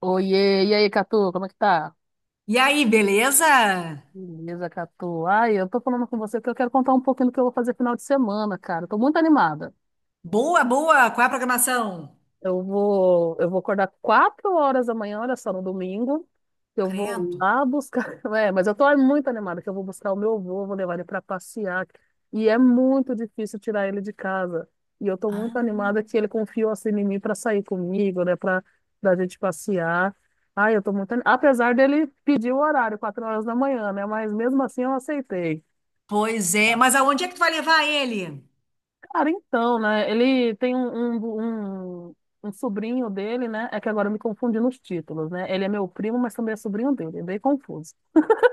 Oiê, e aí, Catu, como é que tá? E aí, beleza? Beleza, Catu. Ai, eu tô falando com você porque eu quero contar um pouquinho do que eu vou fazer final de semana, cara. Eu tô muito animada. Boa, boa. Qual é a programação? Eu vou acordar 4 horas da manhã, olha só, no domingo, que eu vou Credo. lá buscar. É, mas eu tô muito animada que eu vou buscar o meu avô, vou levar ele para passear. E é muito difícil tirar ele de casa. E eu tô muito Ah, animada que ele confiou assim em mim para sair comigo, né, para da gente passear. Ai, eu tô muito animada. Apesar dele pedir o horário, 4 horas da manhã, né, mas mesmo assim eu aceitei. pois é. Mas aonde é que tu vai levar ele? Cara, então, né, ele tem um sobrinho dele, né, é que agora eu me confundi nos títulos, né, ele é meu primo, mas também é sobrinho dele, é bem confuso.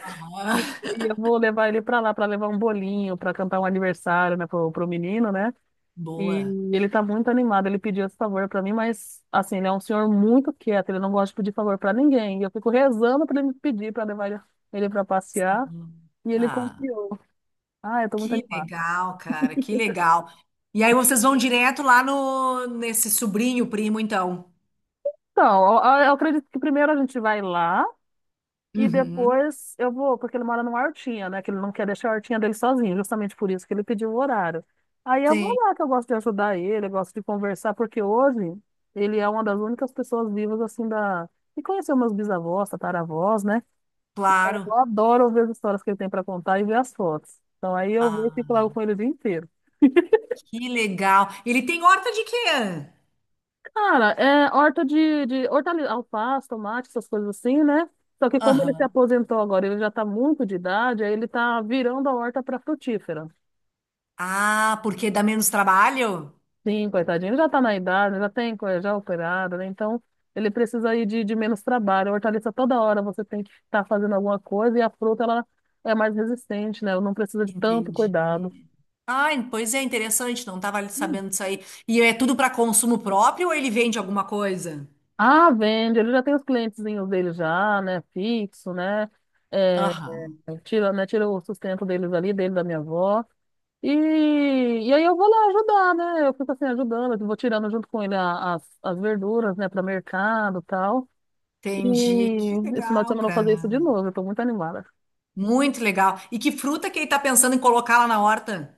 Ah, E eu vou levar ele pra lá pra levar um bolinho, pra cantar um aniversário, né, pro menino, né? E boa. ele tá muito animado. Ele pediu esse favor pra mim, mas assim, ele é um senhor muito quieto, ele não gosta de pedir favor pra ninguém. E eu fico rezando pra ele me pedir pra levar ele pra passear, Sim. e ele Ah, confiou. Ah, eu tô muito que animada. legal, cara. Que legal. E aí vocês vão direto lá no nesse sobrinho primo, então. Então, eu acredito que primeiro a gente vai lá. E Uhum. depois eu vou, porque ele mora numa hortinha, né? Que ele não quer deixar a hortinha dele sozinho, justamente por isso que ele pediu o horário. Aí eu vou Sim, lá, que eu gosto de ajudar ele, eu gosto de conversar, porque hoje ele é uma das únicas pessoas vivas, assim, que conheceu meus bisavós, tataravós, né? Eu claro. adoro ver as histórias que ele tem para contar e ver as fotos. Então aí eu vou e fico lá Ah, com ele o dia inteiro. que legal. Ele tem horta de quê? Cara, é horta de hortaliça, alface, tomate, essas coisas assim, né? Só que como ele se Aham. aposentou agora, ele já tá muito de idade, aí ele tá virando a horta para frutífera. Ah, porque dá menos trabalho? Sim, coitadinho, ele já está na idade, já tem coisa já operada, né? Então ele precisa aí de menos trabalho. A hortaliça toda hora você tem que estar fazendo alguma coisa e a fruta ela é mais resistente, né? Ela não precisa de tanto Entendi. cuidado. Ah, pois é, interessante, não estava Hum. sabendo disso aí. E é tudo para consumo próprio ou ele vende alguma coisa? Ah, vende, ele já tem os clientezinhos dele já, né? Fixo, né? É, Aham, tira, né? Tira o sustento deles ali, dele da minha avó. E aí eu vou lá ajudar, né? Eu fico assim ajudando, eu vou tirando junto com ele as verduras, né, para mercado e tal. E entendi. Que esse final de legal, semana eu vou cara. fazer isso de novo, eu tô muito animada. Muito legal. E que fruta que ele tá pensando em colocar lá na horta?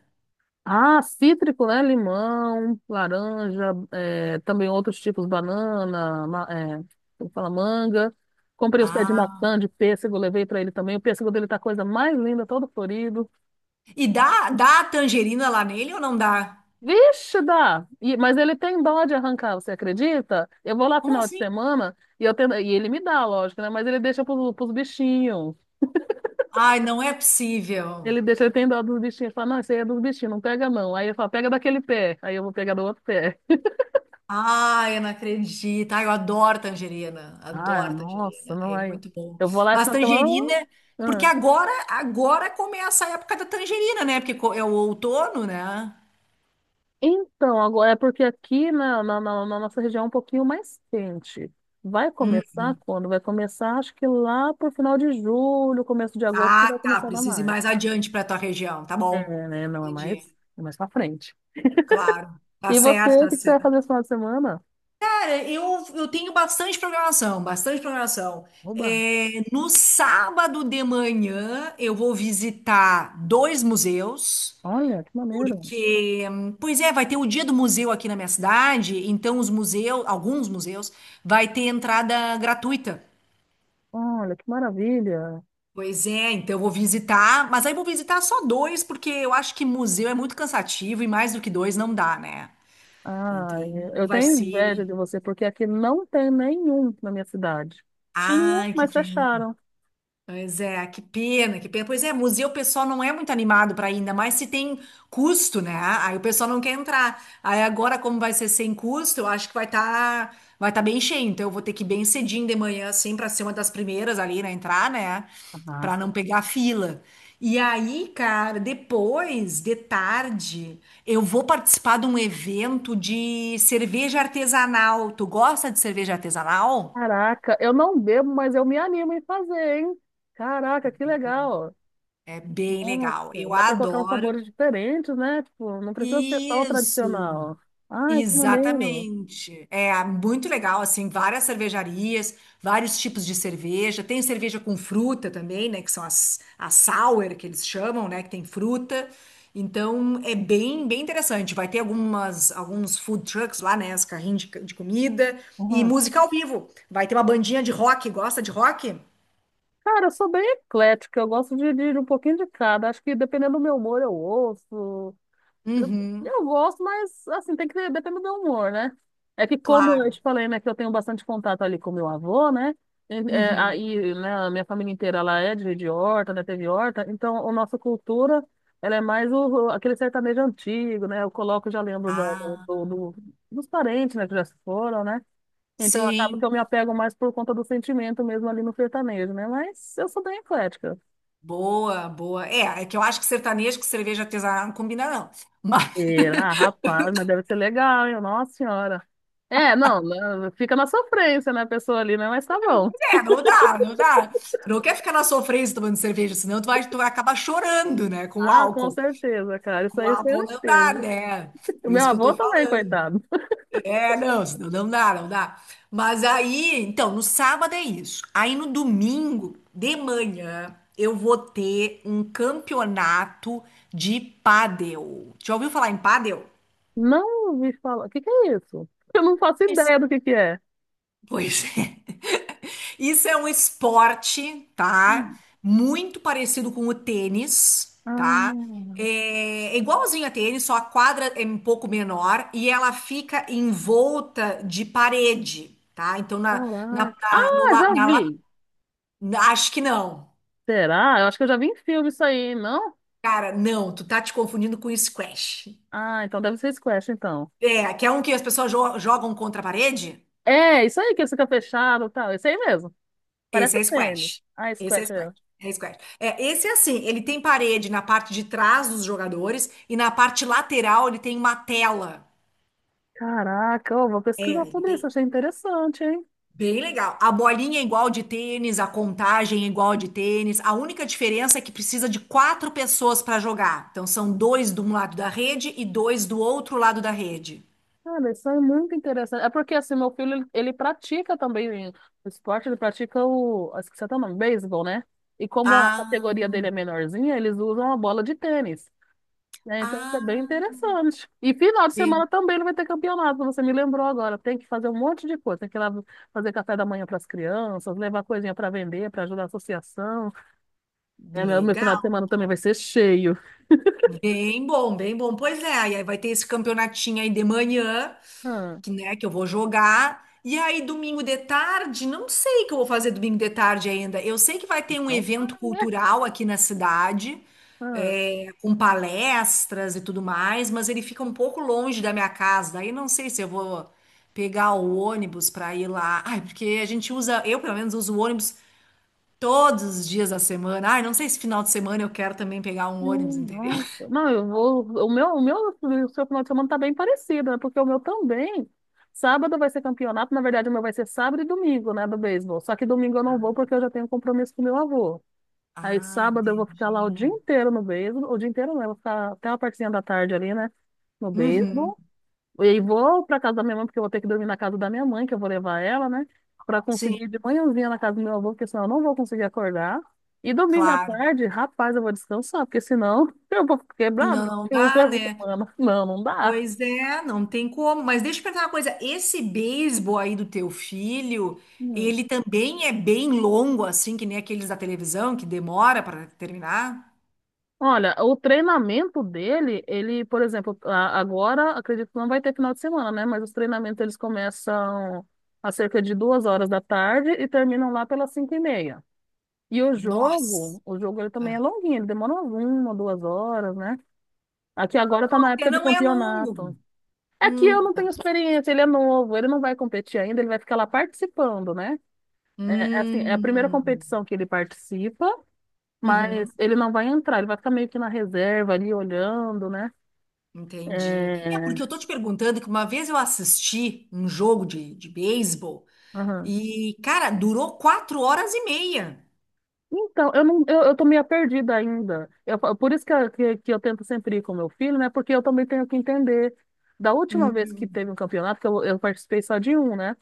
Ah, cítrico, né? Limão, laranja, é, também outros tipos, banana, é, como fala, manga. Comprei os pés de Ah, maçã, de pêssego, levei pra ele também. O pêssego dele tá a coisa mais linda, todo florido. e dá a tangerina lá nele ou não dá? Vixe, dá! Mas ele tem dó de arrancar, você acredita? Eu vou lá Como final de assim? semana e, e ele me dá, lógico, né? Mas ele deixa pros bichinhos. Ai, não é possível. Ele deixa, ele tem dó dos bichinhos. Ele fala, não, isso aí é dos bichinhos, não pega não. Aí ele fala, pega daquele pé. Aí eu vou pegar do outro pé. Ai, eu não acredito. Ai, eu adoro tangerina. Ah, Adoro nossa, tangerina. não É aí. muito bom. Eu vou lá e Mas só que tangerina, ah. porque agora começa a época da tangerina, né? Porque é o outono, né? Então, agora é porque aqui na nossa região é um pouquinho mais quente. Vai Hum. começar quando? Vai começar, acho que lá pro final de julho, começo de agosto, que Ah, vai tá. começar a dar Precisa ir mais. mais adiante para tua região. Tá bom. É, né? Não é mais, Entendi. é mais pra frente. Claro. Tá E você, certo, o tá que que você vai fazer certo. esse final de semana? Cara, eu tenho bastante programação, bastante programação. Oba! É, no sábado de manhã, eu vou visitar dois museus. Olha, que maneiro! Porque, pois é, vai ter o dia do museu aqui na minha cidade, então os museus, alguns museus, vai ter entrada gratuita. Olha, que maravilha! Pois é, então eu vou visitar, mas aí vou visitar só dois, porque eu acho que museu é muito cansativo e mais do que dois não dá, né? Ah, Então eu vai tenho inveja ser. de você, porque aqui não tem nenhum na minha cidade. Tinha, Ai, que mas pena. fecharam. Pois é, que pena, que pena. Pois é, museu o pessoal não é muito animado para ir, ainda mais se tem custo, né? Aí o pessoal não quer entrar. Aí agora, como vai ser sem custo, eu acho que vai tá bem cheio. Então eu vou ter que ir bem cedinho de manhã, assim, para ser uma das primeiras ali, né? Entrar, né? Ah, Para não sim. pegar fila. E aí, cara, depois, de tarde, eu vou participar de um evento de cerveja artesanal. Tu gosta de cerveja artesanal? Caraca, eu não bebo, mas eu me animo em fazer, hein? Caraca, que legal. É bem legal. Nossa, Eu dá pra colocar uns adoro. sabores diferentes, né? Tipo, não precisa ser só o Isso, tradicional. Ai, que maneiro. exatamente. É muito legal, assim, várias cervejarias, vários tipos de cerveja. Tem cerveja com fruta também, né? Que são as sour, que eles chamam, né? Que tem fruta. Então, é bem, bem interessante. Vai ter algumas, alguns food trucks lá, né? Os carrinhos de comida. E Uhum. música ao vivo. Vai ter uma bandinha de rock. Gosta de rock? Cara, eu sou bem eclética, eu gosto de um pouquinho de cada. Acho que dependendo do meu humor, eu ouço. Eu, Uhum, eu gosto, mas assim, depende do humor, né? É que como eu te claro. falei, né, que eu tenho bastante contato ali com meu avô, né? Uhum. Uhum. Aí, né, a minha família inteira, ela é de horta, né, teve horta, então a nossa cultura, ela é mais aquele sertanejo antigo, né? Eu coloco, já lembro da- do, Ah, do- do- dos parentes, né, que já se foram, né? Então acaba que sim. eu me apego mais por conta do sentimento mesmo ali no sertanejo, né? Mas eu sou bem eclética. Boa, boa. É, é que eu acho que sertanejo com cerveja artesanal não combina, não. Mas Será? Rapaz, mas deve ser legal, hein? Nossa Senhora. É, não, não, fica na sofrência, né, a pessoa ali, né? Mas tá bom. é, não dá, não dá. Tu não quer ficar na sofrência tomando cerveja, senão tu vai acabar chorando, né? Com o Ah, com álcool. certeza, cara, Com isso o aí é álcool não dá, certeza. né? O Por meu isso que eu avô tô também, falando. coitado. É, não, senão não dá, não dá. Mas aí, então, no sábado é isso. Aí no domingo, de manhã, eu vou ter um campeonato de pádel. Já ouviu falar em pádel? Não ouvi falar. O que que é isso? Eu não faço ideia do que é. Pois é. Isso é um esporte, tá? Hum. Muito parecido com o tênis, tá? Ah, É é igualzinho a tênis, só a quadra é um pouco menor e ela fica envolta de parede, tá? Então, na, na, caraca. na, no, Ah, la- já na, la- vi. na- acho que não. Será? Eu acho que eu já vi em filme isso aí, não? Cara, não, tu tá te confundindo com squash. Ah, então deve ser squash, então. É, que é um que as pessoas jogam contra a parede? É, isso aí que fica fechado e tal. Isso aí mesmo. Esse Parece é tênis. squash. Ah, Esse é squash. squash. É. É squash. É, esse é assim, ele tem parede na parte de trás dos jogadores e na parte lateral ele tem uma tela. Caraca, eu vou É, pesquisar sobre isso, bem, achei interessante, hein? bem legal. A bolinha é igual de tênis, a contagem é igual de tênis. A única diferença é que precisa de quatro pessoas para jogar. Então são dois de um lado da rede e dois do outro lado da rede. Cara, isso é muito interessante. É porque, assim, meu filho, ele pratica também o esporte, ele pratica o, acho que você tá nome, beisebol, né? E como a categoria Ah, dele é menorzinha, eles usam a bola de tênis, né? Então, isso é bem ah, interessante. E final de bem semana também ele vai ter campeonato, você me lembrou agora. Tem que fazer um monte de coisa, tem que ir lá fazer café da manhã para as crianças, levar coisinha para vender, para ajudar a associação. Né? Meu final de legal. semana também vai ser cheio. Bem bom, bem bom. Pois é, e aí vai ter esse campeonatinho aí de manhã. Ah, Que, né, que eu vou jogar. E aí, domingo de tarde, não sei o que eu vou fazer domingo de tarde ainda. Eu sei que vai ter um então tá, evento né? cultural aqui na cidade, Ah. é, com palestras e tudo mais, mas ele fica um pouco longe da minha casa. Daí não sei se eu vou pegar o ônibus para ir lá. Ai, porque a gente usa, eu pelo menos uso o ônibus todos os dias da semana. Ai, não sei se final de semana eu quero também pegar um ônibus, entendeu? nossa. Não, eu vou. O seu final de semana tá bem parecido, né? Porque o meu também. Sábado vai ser campeonato, na verdade, o meu vai ser sábado e domingo, né, do beisebol. Só que domingo eu não vou porque eu já tenho um compromisso com meu avô. Aí Ah, sábado eu vou ficar lá o dia entendi. inteiro no beisebol, o dia inteiro não, eu vou ficar até uma partezinha da tarde ali, né, no Uhum, beisebol. E vou pra casa da minha mãe, porque eu vou ter que dormir na casa da minha mãe, que eu vou levar ela, né? Pra sim, conseguir ir de manhãzinha na casa do meu avô, porque senão eu não vou conseguir acordar. E domingo à claro. tarde, rapaz, eu vou descansar, porque senão eu vou ficar quebrado Não, não porque eu dá, levo né? semana. Não, não dá. Pois é, não tem como. Mas deixa eu perguntar uma coisa: esse beisebol aí do teu filho, Hum. ele também é bem longo, assim, que nem aqueles da televisão, que demora para terminar? Olha, o treinamento dele, ele, por exemplo, agora acredito que não vai ter final de semana, né? Mas os treinamentos eles começam a cerca de 2 horas da tarde e terminam lá pelas 5h30. E Nossa! o jogo ele também é Ah. longuinho, ele demora umas uma, 2 horas, né? Aqui agora tá na Porque época de não é campeonato. longo. É que eu Hum, não tenho experiência, ele é novo, ele não vai competir ainda, ele vai ficar lá participando, né? É, é assim, é a primeira hum, competição que ele participa, uhum, mas ele não vai entrar, ele vai ficar meio que na reserva ali olhando, né? entendi. É É... porque eu tô te perguntando que uma vez eu assisti um jogo de beisebol aham. e, cara, durou 4 horas e meia. Então, eu não, eu tô meio perdida ainda. Por isso que, que eu tento sempre ir com meu filho, né? Porque eu também tenho que entender. Da última vez que Hum, teve um campeonato, que eu participei só de um, né?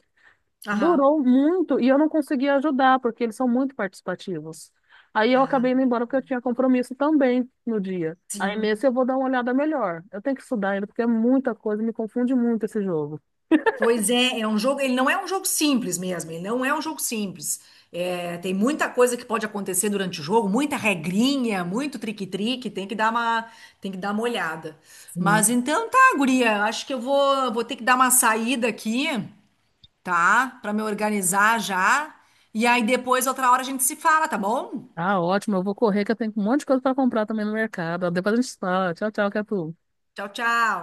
aham. Durou muito e eu não conseguia ajudar, porque eles são muito participativos. Aí eu Ah, acabei indo embora porque eu tinha compromisso também no dia. Aí sim. nesse eu vou dar uma olhada melhor. Eu tenho que estudar ainda, porque é muita coisa, me confunde muito esse jogo. Pois é, é um jogo, ele não é um jogo simples mesmo, ele não é um jogo simples. É, tem muita coisa que pode acontecer durante o jogo, muita regrinha, muito trique-trique, tem que dar uma, tem que dar uma olhada. Sim. Mas então tá, guria, acho que eu vou ter que dar uma saída aqui, tá? Pra me organizar já. E aí depois, outra hora, a gente se fala, tá bom? Tá ótimo, eu vou correr, que eu tenho um monte de coisa para comprar também no mercado. Depois a gente fala. Tchau, tchau, Catu. Tchau, tchau.